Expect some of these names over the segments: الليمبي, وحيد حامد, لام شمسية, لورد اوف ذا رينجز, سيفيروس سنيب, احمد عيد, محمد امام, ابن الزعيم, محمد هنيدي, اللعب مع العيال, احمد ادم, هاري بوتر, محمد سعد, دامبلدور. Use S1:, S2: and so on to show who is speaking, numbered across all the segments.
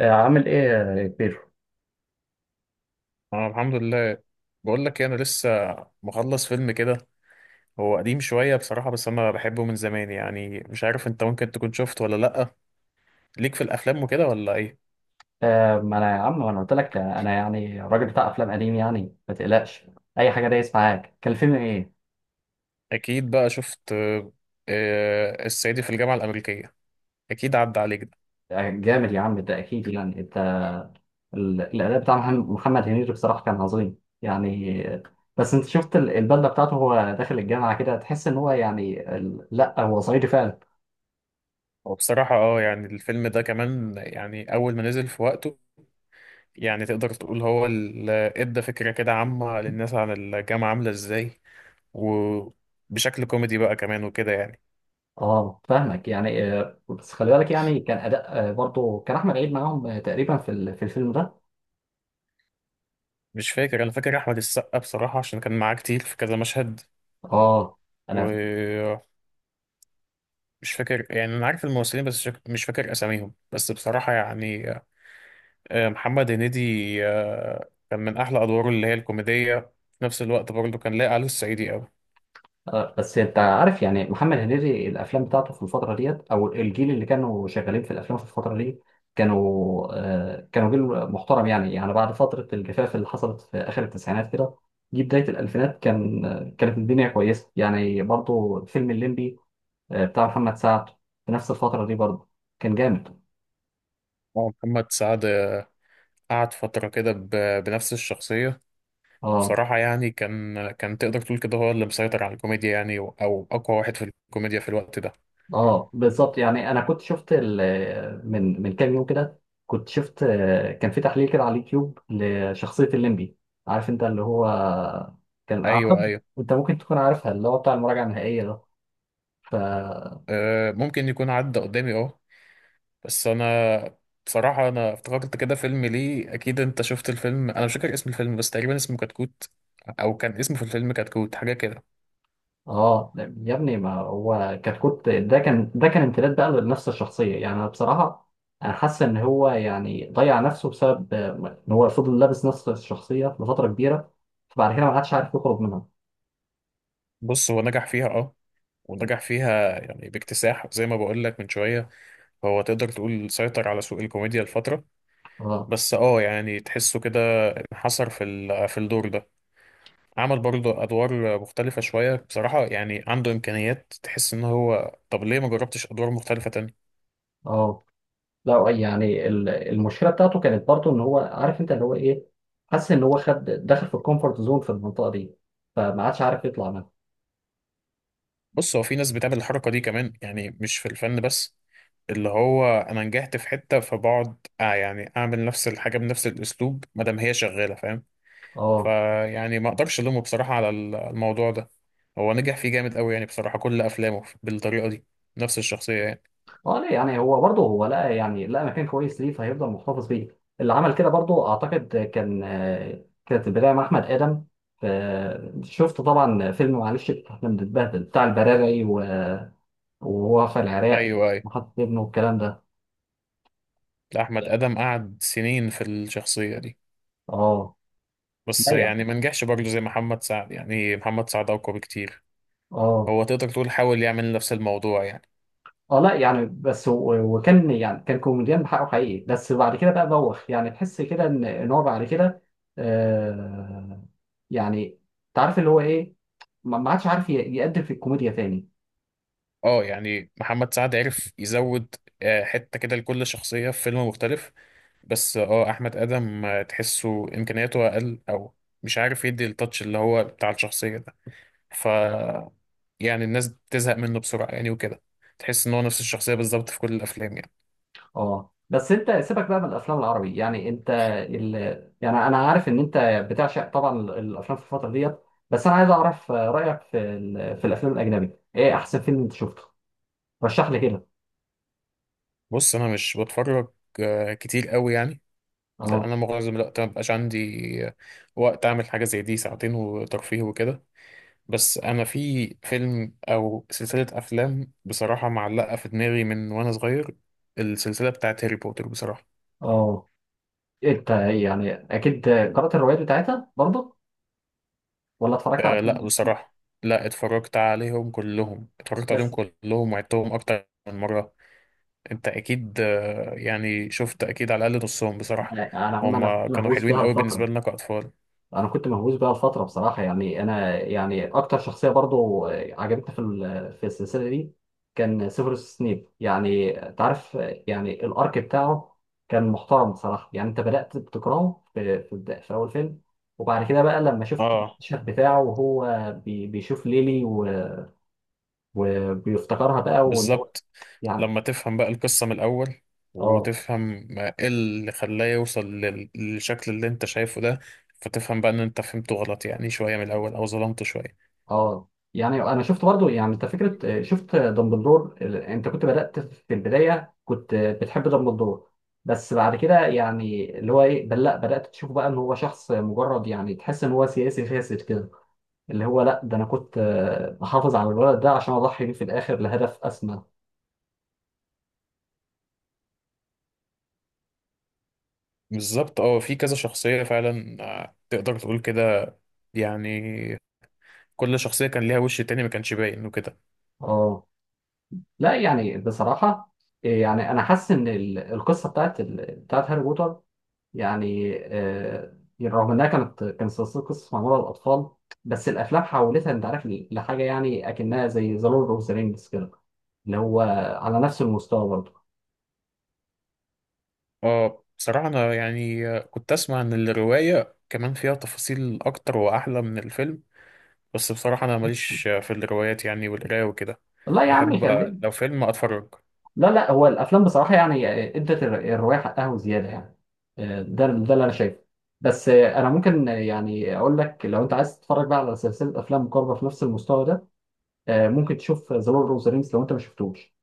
S1: آه، عامل ايه يا بيرو؟
S2: انا الحمد لله. بقول لك إيه، انا لسه مخلص فيلم كده. هو قديم شويه بصراحه، بس انا بحبه من زمان. يعني مش عارف انت ممكن تكون شفت ولا لا، ليك في الافلام وكده ولا ايه.
S1: آه، ما انا قلت لك، انا يعني راجل بتاع افلام قديم، يعني ما تقلقش. اي حاجه دايس معاك. كان الفيلم ايه؟
S2: اكيد بقى شفت الصعيدي في الجامعه الامريكيه، اكيد عدى عليك ده.
S1: آه، جامد يا عم، ده اكيد. يعني انت، الاداء بتاع محمد هنيدي بصراحه كان عظيم يعني. بس انت شفت البدله بتاعته، هو داخل الجامعه كده، تحس ان هو يعني، لا، هو صعيدي فعلا.
S2: وبصراحه اه يعني الفيلم ده كمان، يعني اول ما نزل في وقته، يعني تقدر تقول هو اللي ادى فكره كده عامه للناس عن الجامعه عامله ازاي، وبشكل كوميدي بقى كمان وكده يعني.
S1: اه فاهمك يعني. بس خلي بالك، يعني كان اداء برضه، كان احمد عيد معاهم تقريبا في في الفيلم ده.
S2: مش فاكر، انا فاكر احمد السقا بصراحه عشان كان معاه كتير في كذا مشهد.
S1: اه. انا
S2: ومش فاكر، يعني انا عارف الممثلين بس مش فاكر اساميهم. بس بصراحه يعني محمد هنيدي كان من احلى ادواره اللي هي الكوميديه، في نفس الوقت برضه كان لاقي عليه الصعيدي قوي.
S1: آه، بس انت عارف يعني، محمد هنيدي الافلام بتاعته في الفتره ديت، او الجيل اللي كانوا شغالين في الافلام في الفتره دي، كانوا كانوا جيل محترم يعني. يعني بعد فتره الجفاف اللي حصلت في اخر التسعينات كده، جه بدايه الالفينات، كانت الدنيا كويسه يعني. برضو فيلم الليمبي بتاع محمد سعد، في نفس الفتره دي برضو، كان جامد.
S2: محمد سعد قعد فتره كده بنفس الشخصيه.
S1: اه.
S2: بصراحه يعني كان تقدر تقول كده هو اللي مسيطر على الكوميديا، يعني او اقوى واحد في الكوميديا في الوقت ده.
S1: اه بالظبط يعني. انا كنت شفت، من كام يوم كده، كنت شفت كان في تحليل كده على اليوتيوب لشخصيه الليمبي. عارف انت اللي هو، كان
S2: ايوه
S1: اعتقد
S2: ايوه.
S1: انت ممكن تكون عارفها، اللي هو بتاع المراجعه النهائيه ده. ف
S2: ممكن يكون عدى قدامي اه. بس انا بصراحة انا افتكرت كده فيلم، ليه اكيد انت شفت الفيلم. انا مش فاكر اسم الفيلم، بس تقريبا اسمه كتكوت، او كان اسمه في الفيلم كتكوت حاجة كده.
S1: اه يا ابني، ما هو كتكوت ده كان، ده كان امتداد بقى لنفس الشخصيه يعني. انا بصراحه، انا حاسس ان هو يعني ضيع نفسه بسبب ان هو فضل لابس نفس الشخصيه لفتره كبيره، فبعد كده ما عادش عارف يخرج منها.
S2: بص هو نجح فيها اه، ونجح فيها يعني باكتساح زي ما بقول لك من شوية. هو تقدر تقول سيطر على سوق الكوميديا لفترة.
S1: اه.
S2: بس اه يعني تحسه كده انحصر في في الدور ده. عمل برضه ادوار مختلفة شوية بصراحة، يعني عنده امكانيات، تحس ان هو طب ليه ما جربتش ادوار مختلفة.
S1: اه، لا يعني، المشكله بتاعته كانت برضه ان هو، عارف انت اللي هو ايه، حس ان هو خد، دخل في الكومفورت زون، في المنطقه دي، فما عادش عارف يطلع منها.
S2: بص هو في ناس بتعمل الحركة دي كمان، يعني مش في الفن بس، اللي هو انا نجحت في حتة فبقعد آه يعني اعمل نفس الحاجة بنفس الاسلوب ما دام هي شغالة، فاهم؟
S1: اه.
S2: فيعني ما اقدرش الومه بصراحة على الموضوع ده. هو نجح فيه جامد قوي، يعني بصراحة كل افلامه بالطريقة دي، نفس الشخصية يعني.
S1: اه، لا يعني، هو برضه، هو لقى، يعني لقى مكان كويس ليه فهيفضل محتفظ بيه. اللي عمل كده برضه اعتقد كان كانت البدايه مع احمد ادم. شفت طبعا فيلم معلش احنا بنتبهدل بتاع البراري، وهو في العراق،
S2: ايوه ايوه.
S1: وحط ابنه والكلام ده.
S2: لا، احمد ادم قعد سنين في الشخصية دي،
S1: اه،
S2: بس
S1: لا يعني.
S2: يعني ما نجحش برضه زي محمد سعد. يعني محمد سعد اقوى بكتير.
S1: اه.
S2: هو تقدر تقول حاول يعمل نفس الموضوع يعني.
S1: اه، لا يعني، بس وكان يعني، كان كوميديان بحقه حقيقي، بس بعد كده بقى بوخ يعني، تحس كده ان هو بعد كده آه يعني تعرف اللي هو ايه، ما عادش عارف يقدم في الكوميديا تاني.
S2: اه يعني محمد سعد عرف يزود حتة كده لكل شخصية في فيلم مختلف. بس اه أحمد آدم تحسه إمكانياته أقل، أو مش عارف يدي التاتش اللي هو بتاع الشخصية ده. ف يعني الناس بتزهق منه بسرعة يعني وكده، تحس إن هو نفس الشخصية بالظبط في كل الأفلام يعني.
S1: اه، بس انت سيبك بقى من الافلام العربي يعني. انت، ال... يعني انا عارف ان انت بتعشق طبعا الافلام في الفتره ديت، بس انا عايز اعرف رايك في في الافلام الاجنبي. ايه احسن فيلم انت شفته؟ رشح لي كده.
S2: بص أنا مش بتفرج كتير قوي يعني، لأن
S1: اه.
S2: أنا معظم الوقت مبقاش عندي آه، وقت أعمل حاجة زي دي، ساعتين وترفيه وكده. بس انا في فيلم او سلسله افلام بصراحه معلقه في دماغي من وانا صغير، السلسله بتاعت هاري بوتر بصراحه.
S1: اه، انت يعني اكيد قرات الروايات بتاعتها برضه، ولا اتفرجت على
S2: أه
S1: فيلم
S2: لا
S1: بس؟
S2: بصراحه، لا اتفرجت عليهم كلهم، اتفرجت عليهم
S1: بس
S2: كلهم وعدتهم اكتر من مره. انت اكيد يعني شفت اكيد على الاقل نصهم بصراحه.
S1: يعني انا
S2: هم
S1: كنت
S2: كانوا
S1: مهووس
S2: حلوين
S1: بها
S2: قوي بالنسبه
S1: لفتره.
S2: لنا كاطفال.
S1: انا كنت مهووس بها لفتره بصراحه يعني. انا يعني اكتر شخصيه برضو عجبتني في في السلسله دي كان سيفيروس سنيب، يعني تعرف، يعني الارك بتاعه كان محترم بصراحه يعني. انت بدات بتكرهه في في اول فيلم، وبعد كده بقى لما شفت
S2: اه
S1: المشهد بتاعه، وهو بيشوف ليلي وبيفتكرها بقى، وان هو
S2: بالظبط.
S1: يعني.
S2: لما تفهم بقى القصة من الأول
S1: اه.
S2: وتفهم ما إيه اللي خلاه يوصل للشكل اللي أنت شايفه ده، فتفهم بقى إن أنت فهمته غلط يعني شوية من الأول، أو ظلمته شوية.
S1: اه، يعني انا شفت برضو يعني انت فكره. شفت دامبلدور، انت كنت بدات في البدايه، كنت بتحب دامبلدور، بس بعد كده يعني اللي هو ايه، بل لا، بدات تشوفه بقى ان هو شخص مجرد، يعني تحس ان هو سياسي فاسد كده، اللي هو لا، ده انا كنت بحافظ على الولد ده عشان اضحي بيه في الاخر لهدف اسمى.
S2: بالظبط أه في كذا شخصية فعلا، تقدر تقول كده يعني، كل شخصية كان ليها وش تاني ما كانش باين وكده.
S1: اه، لا يعني بصراحه يعني انا حاسس ان القصه بتاعت بتاعت هاري بوتر، يعني رغم انها، كان سلسله قصص معموله للاطفال، بس الافلام حولتها انت عارف لحاجه يعني، اكنها زي ذا لورد اوف ذا رينجز كده، اللي هو على نفس المستوى برضه.
S2: أه بصراحة أنا يعني كنت أسمع إن الرواية كمان فيها تفاصيل أكتر وأحلى من الفيلم، بس بصراحة أنا ماليش في الروايات يعني والقراية وكده.
S1: لا يا عم
S2: بحب
S1: خليني.
S2: لو فيلم أتفرج.
S1: لا، لا، هو الافلام بصراحه يعني ادت الروايه حقها وزياده يعني. ده اللي انا شايفه. بس انا ممكن يعني اقول لك، لو انت عايز تتفرج بقى على سلسله افلام مقاربه في نفس المستوى ده، ممكن تشوف ذا لورد اوف ذا رينجز لو انت ما شفتوش.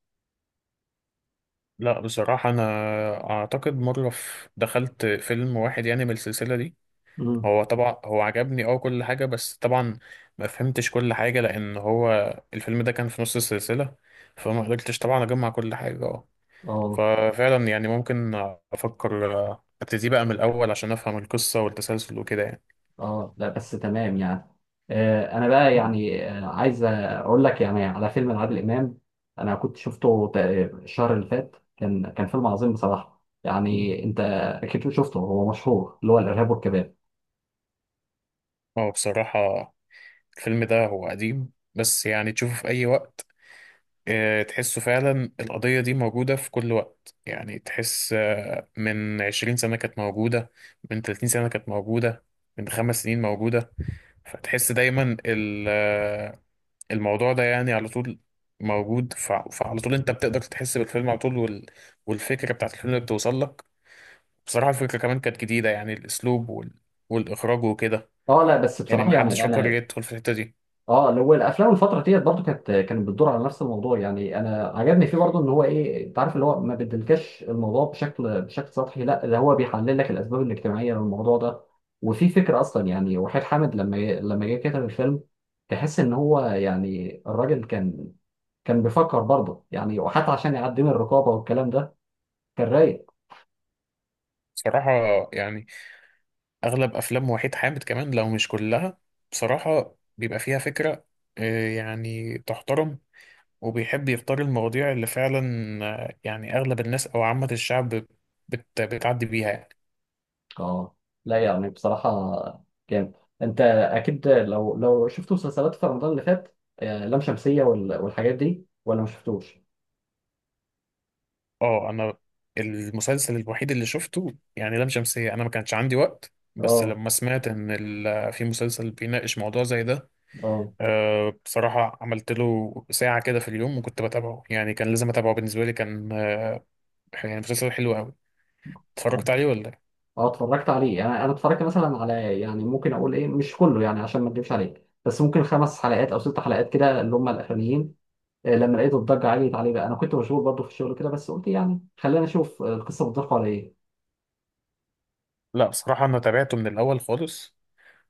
S2: لا بصراحة أنا أعتقد مرة في دخلت فيلم واحد يعني من السلسلة دي.
S1: امم.
S2: هو طبعا هو عجبني أه كل حاجة، بس طبعا ما فهمتش كل حاجة، لأن هو الفيلم ده كان في نص السلسلة، فما قدرتش طبعا أجمع كل حاجة أه.
S1: اه.
S2: ففعلا يعني ممكن أفكر أبتدي بقى من الأول عشان أفهم القصة والتسلسل وكده يعني.
S1: اه، لا بس تمام يعني. انا بقى يعني عايز اقول لك يعني على فيلم لعادل امام. انا كنت شفته تقريبا الشهر اللي فات، كان فيلم عظيم بصراحه يعني. انت اكيد شفته، هو مشهور، اللي هو الارهاب والكباب.
S2: هو بصراحة الفيلم ده هو قديم، بس يعني تشوفه في أي وقت تحسه فعلا القضية دي موجودة في كل وقت. يعني تحس من 20 سنة كانت موجودة، من 30 سنة كانت موجودة، من 5 سنين موجودة. فتحس دايما الموضوع ده يعني على طول موجود. فعلى طول انت بتقدر تحس بالفيلم على طول والفكرة بتاعت الفيلم بتوصل لك. بصراحة الفكرة كمان كانت جديدة، يعني الأسلوب والإخراج وكده،
S1: اه، لا بس
S2: يعني
S1: بصراحه
S2: محدش
S1: يعني
S2: فكر
S1: انا.
S2: يدخل في الحتة دي.
S1: اه، اللي هو الافلام الفتره ديت برضو، كانت بتدور على نفس الموضوع يعني. انا عجبني فيه برضو ان هو، ايه، انت عارف اللي هو، ما بيدلكش الموضوع بشكل، بشكل سطحي، لا ده هو بيحلل لك الاسباب الاجتماعيه للموضوع ده. وفي فكره اصلا يعني، وحيد حامد لما جه كتب الفيلم، تحس ان هو يعني الراجل كان، كان بيفكر برضه يعني، وحتى عشان يعدي من الرقابه والكلام ده كان رايق.
S2: بصراحة يعني اغلب افلام وحيد حامد كمان لو مش كلها، بصراحة بيبقى فيها فكرة يعني تحترم، وبيحب يختار المواضيع اللي فعلا يعني اغلب الناس او عامة الشعب بتعدي بيها يعني.
S1: اه، لا يعني بصراحة جامد. انت اكيد لو شفت مسلسلات في رمضان اللي فات لام شمسية والحاجات دي، ولا ما شفتوش؟
S2: اه انا المسلسل الوحيد اللي شفته يعني لام شمسية، انا ما كانش عندي وقت، بس
S1: اه.
S2: لما سمعت ان في مسلسل بيناقش موضوع زي ده
S1: اه.
S2: بصراحة عملت له ساعة كده في اليوم وكنت بتابعه. يعني كان لازم أتابعه، بالنسبة لي كان يعني مسلسل حلو أوي. اتفرجت عليه ولا؟
S1: اه، اتفرجت عليه. انا اتفرجت مثلا على، يعني ممكن اقول ايه، مش كله يعني عشان ما اكدبش عليك، بس ممكن خمس حلقات او ست حلقات كده اللي هم الاخرانيين. لما لقيت الضجة عالية عليه بقى، انا كنت مشغول برضه في الشغل كده، بس قلت يعني خلينا نشوف القصة بتدور على ايه.
S2: لا بصراحة أنا تابعته من الأول خالص،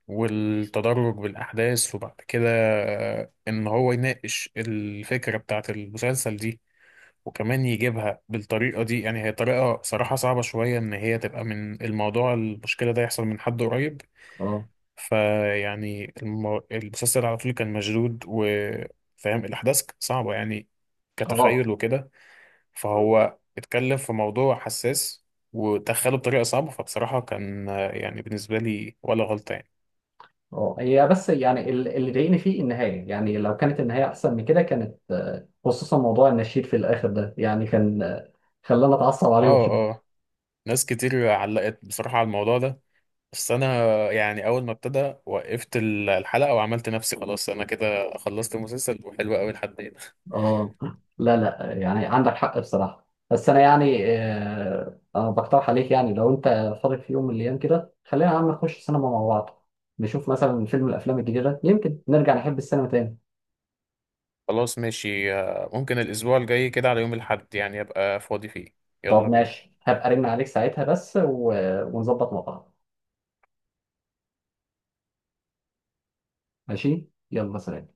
S2: والتدرج بالأحداث وبعد كده إن هو يناقش الفكرة بتاعة المسلسل دي، وكمان يجيبها بالطريقة دي. يعني هي طريقة صراحة صعبة شوية، إن هي تبقى من الموضوع المشكلة ده يحصل من حد قريب.
S1: اه.
S2: فيعني المسلسل على طول كان مشدود، وفاهم الأحداث صعبة يعني
S1: اه.
S2: كتخيل وكده. فهو اتكلم في موضوع حساس ودخله بطريقة صعبة، فبصراحة كان يعني بالنسبة لي ولا غلطة يعني.
S1: اه، هي بس يعني اللي ضايقني فيه النهايه يعني، لو كانت النهايه احسن من كده كانت خصوصا موضوع النشيد في الاخر ده، يعني كان خلاني اتعصب عليهم
S2: اه
S1: في.
S2: اه، ناس كتير علقت بصراحة على الموضوع ده، بس انا يعني اول ما ابتدى وقفت الحلقة وعملت نفسي خلاص انا كده خلصت المسلسل وحلو قوي لحد هنا.
S1: اه، لا لا يعني عندك حق بصراحه. بس انا يعني انا بقترح عليك يعني، لو انت فاضي في يوم من الايام كده، خلينا يا عم نخش سينما مع بعض، نشوف مثلا فيلم من الافلام الجديده، يمكن نرجع نحب السينما تاني.
S2: خلاص ماشي ممكن الاسبوع الجاي كده على يوم الاحد يعني ابقى فاضي فيه،
S1: طب
S2: يلا بينا.
S1: ماشي، هبقى ارن عليك ساعتها، بس و... ونظبط مع بعض. ماشي يلا سلام.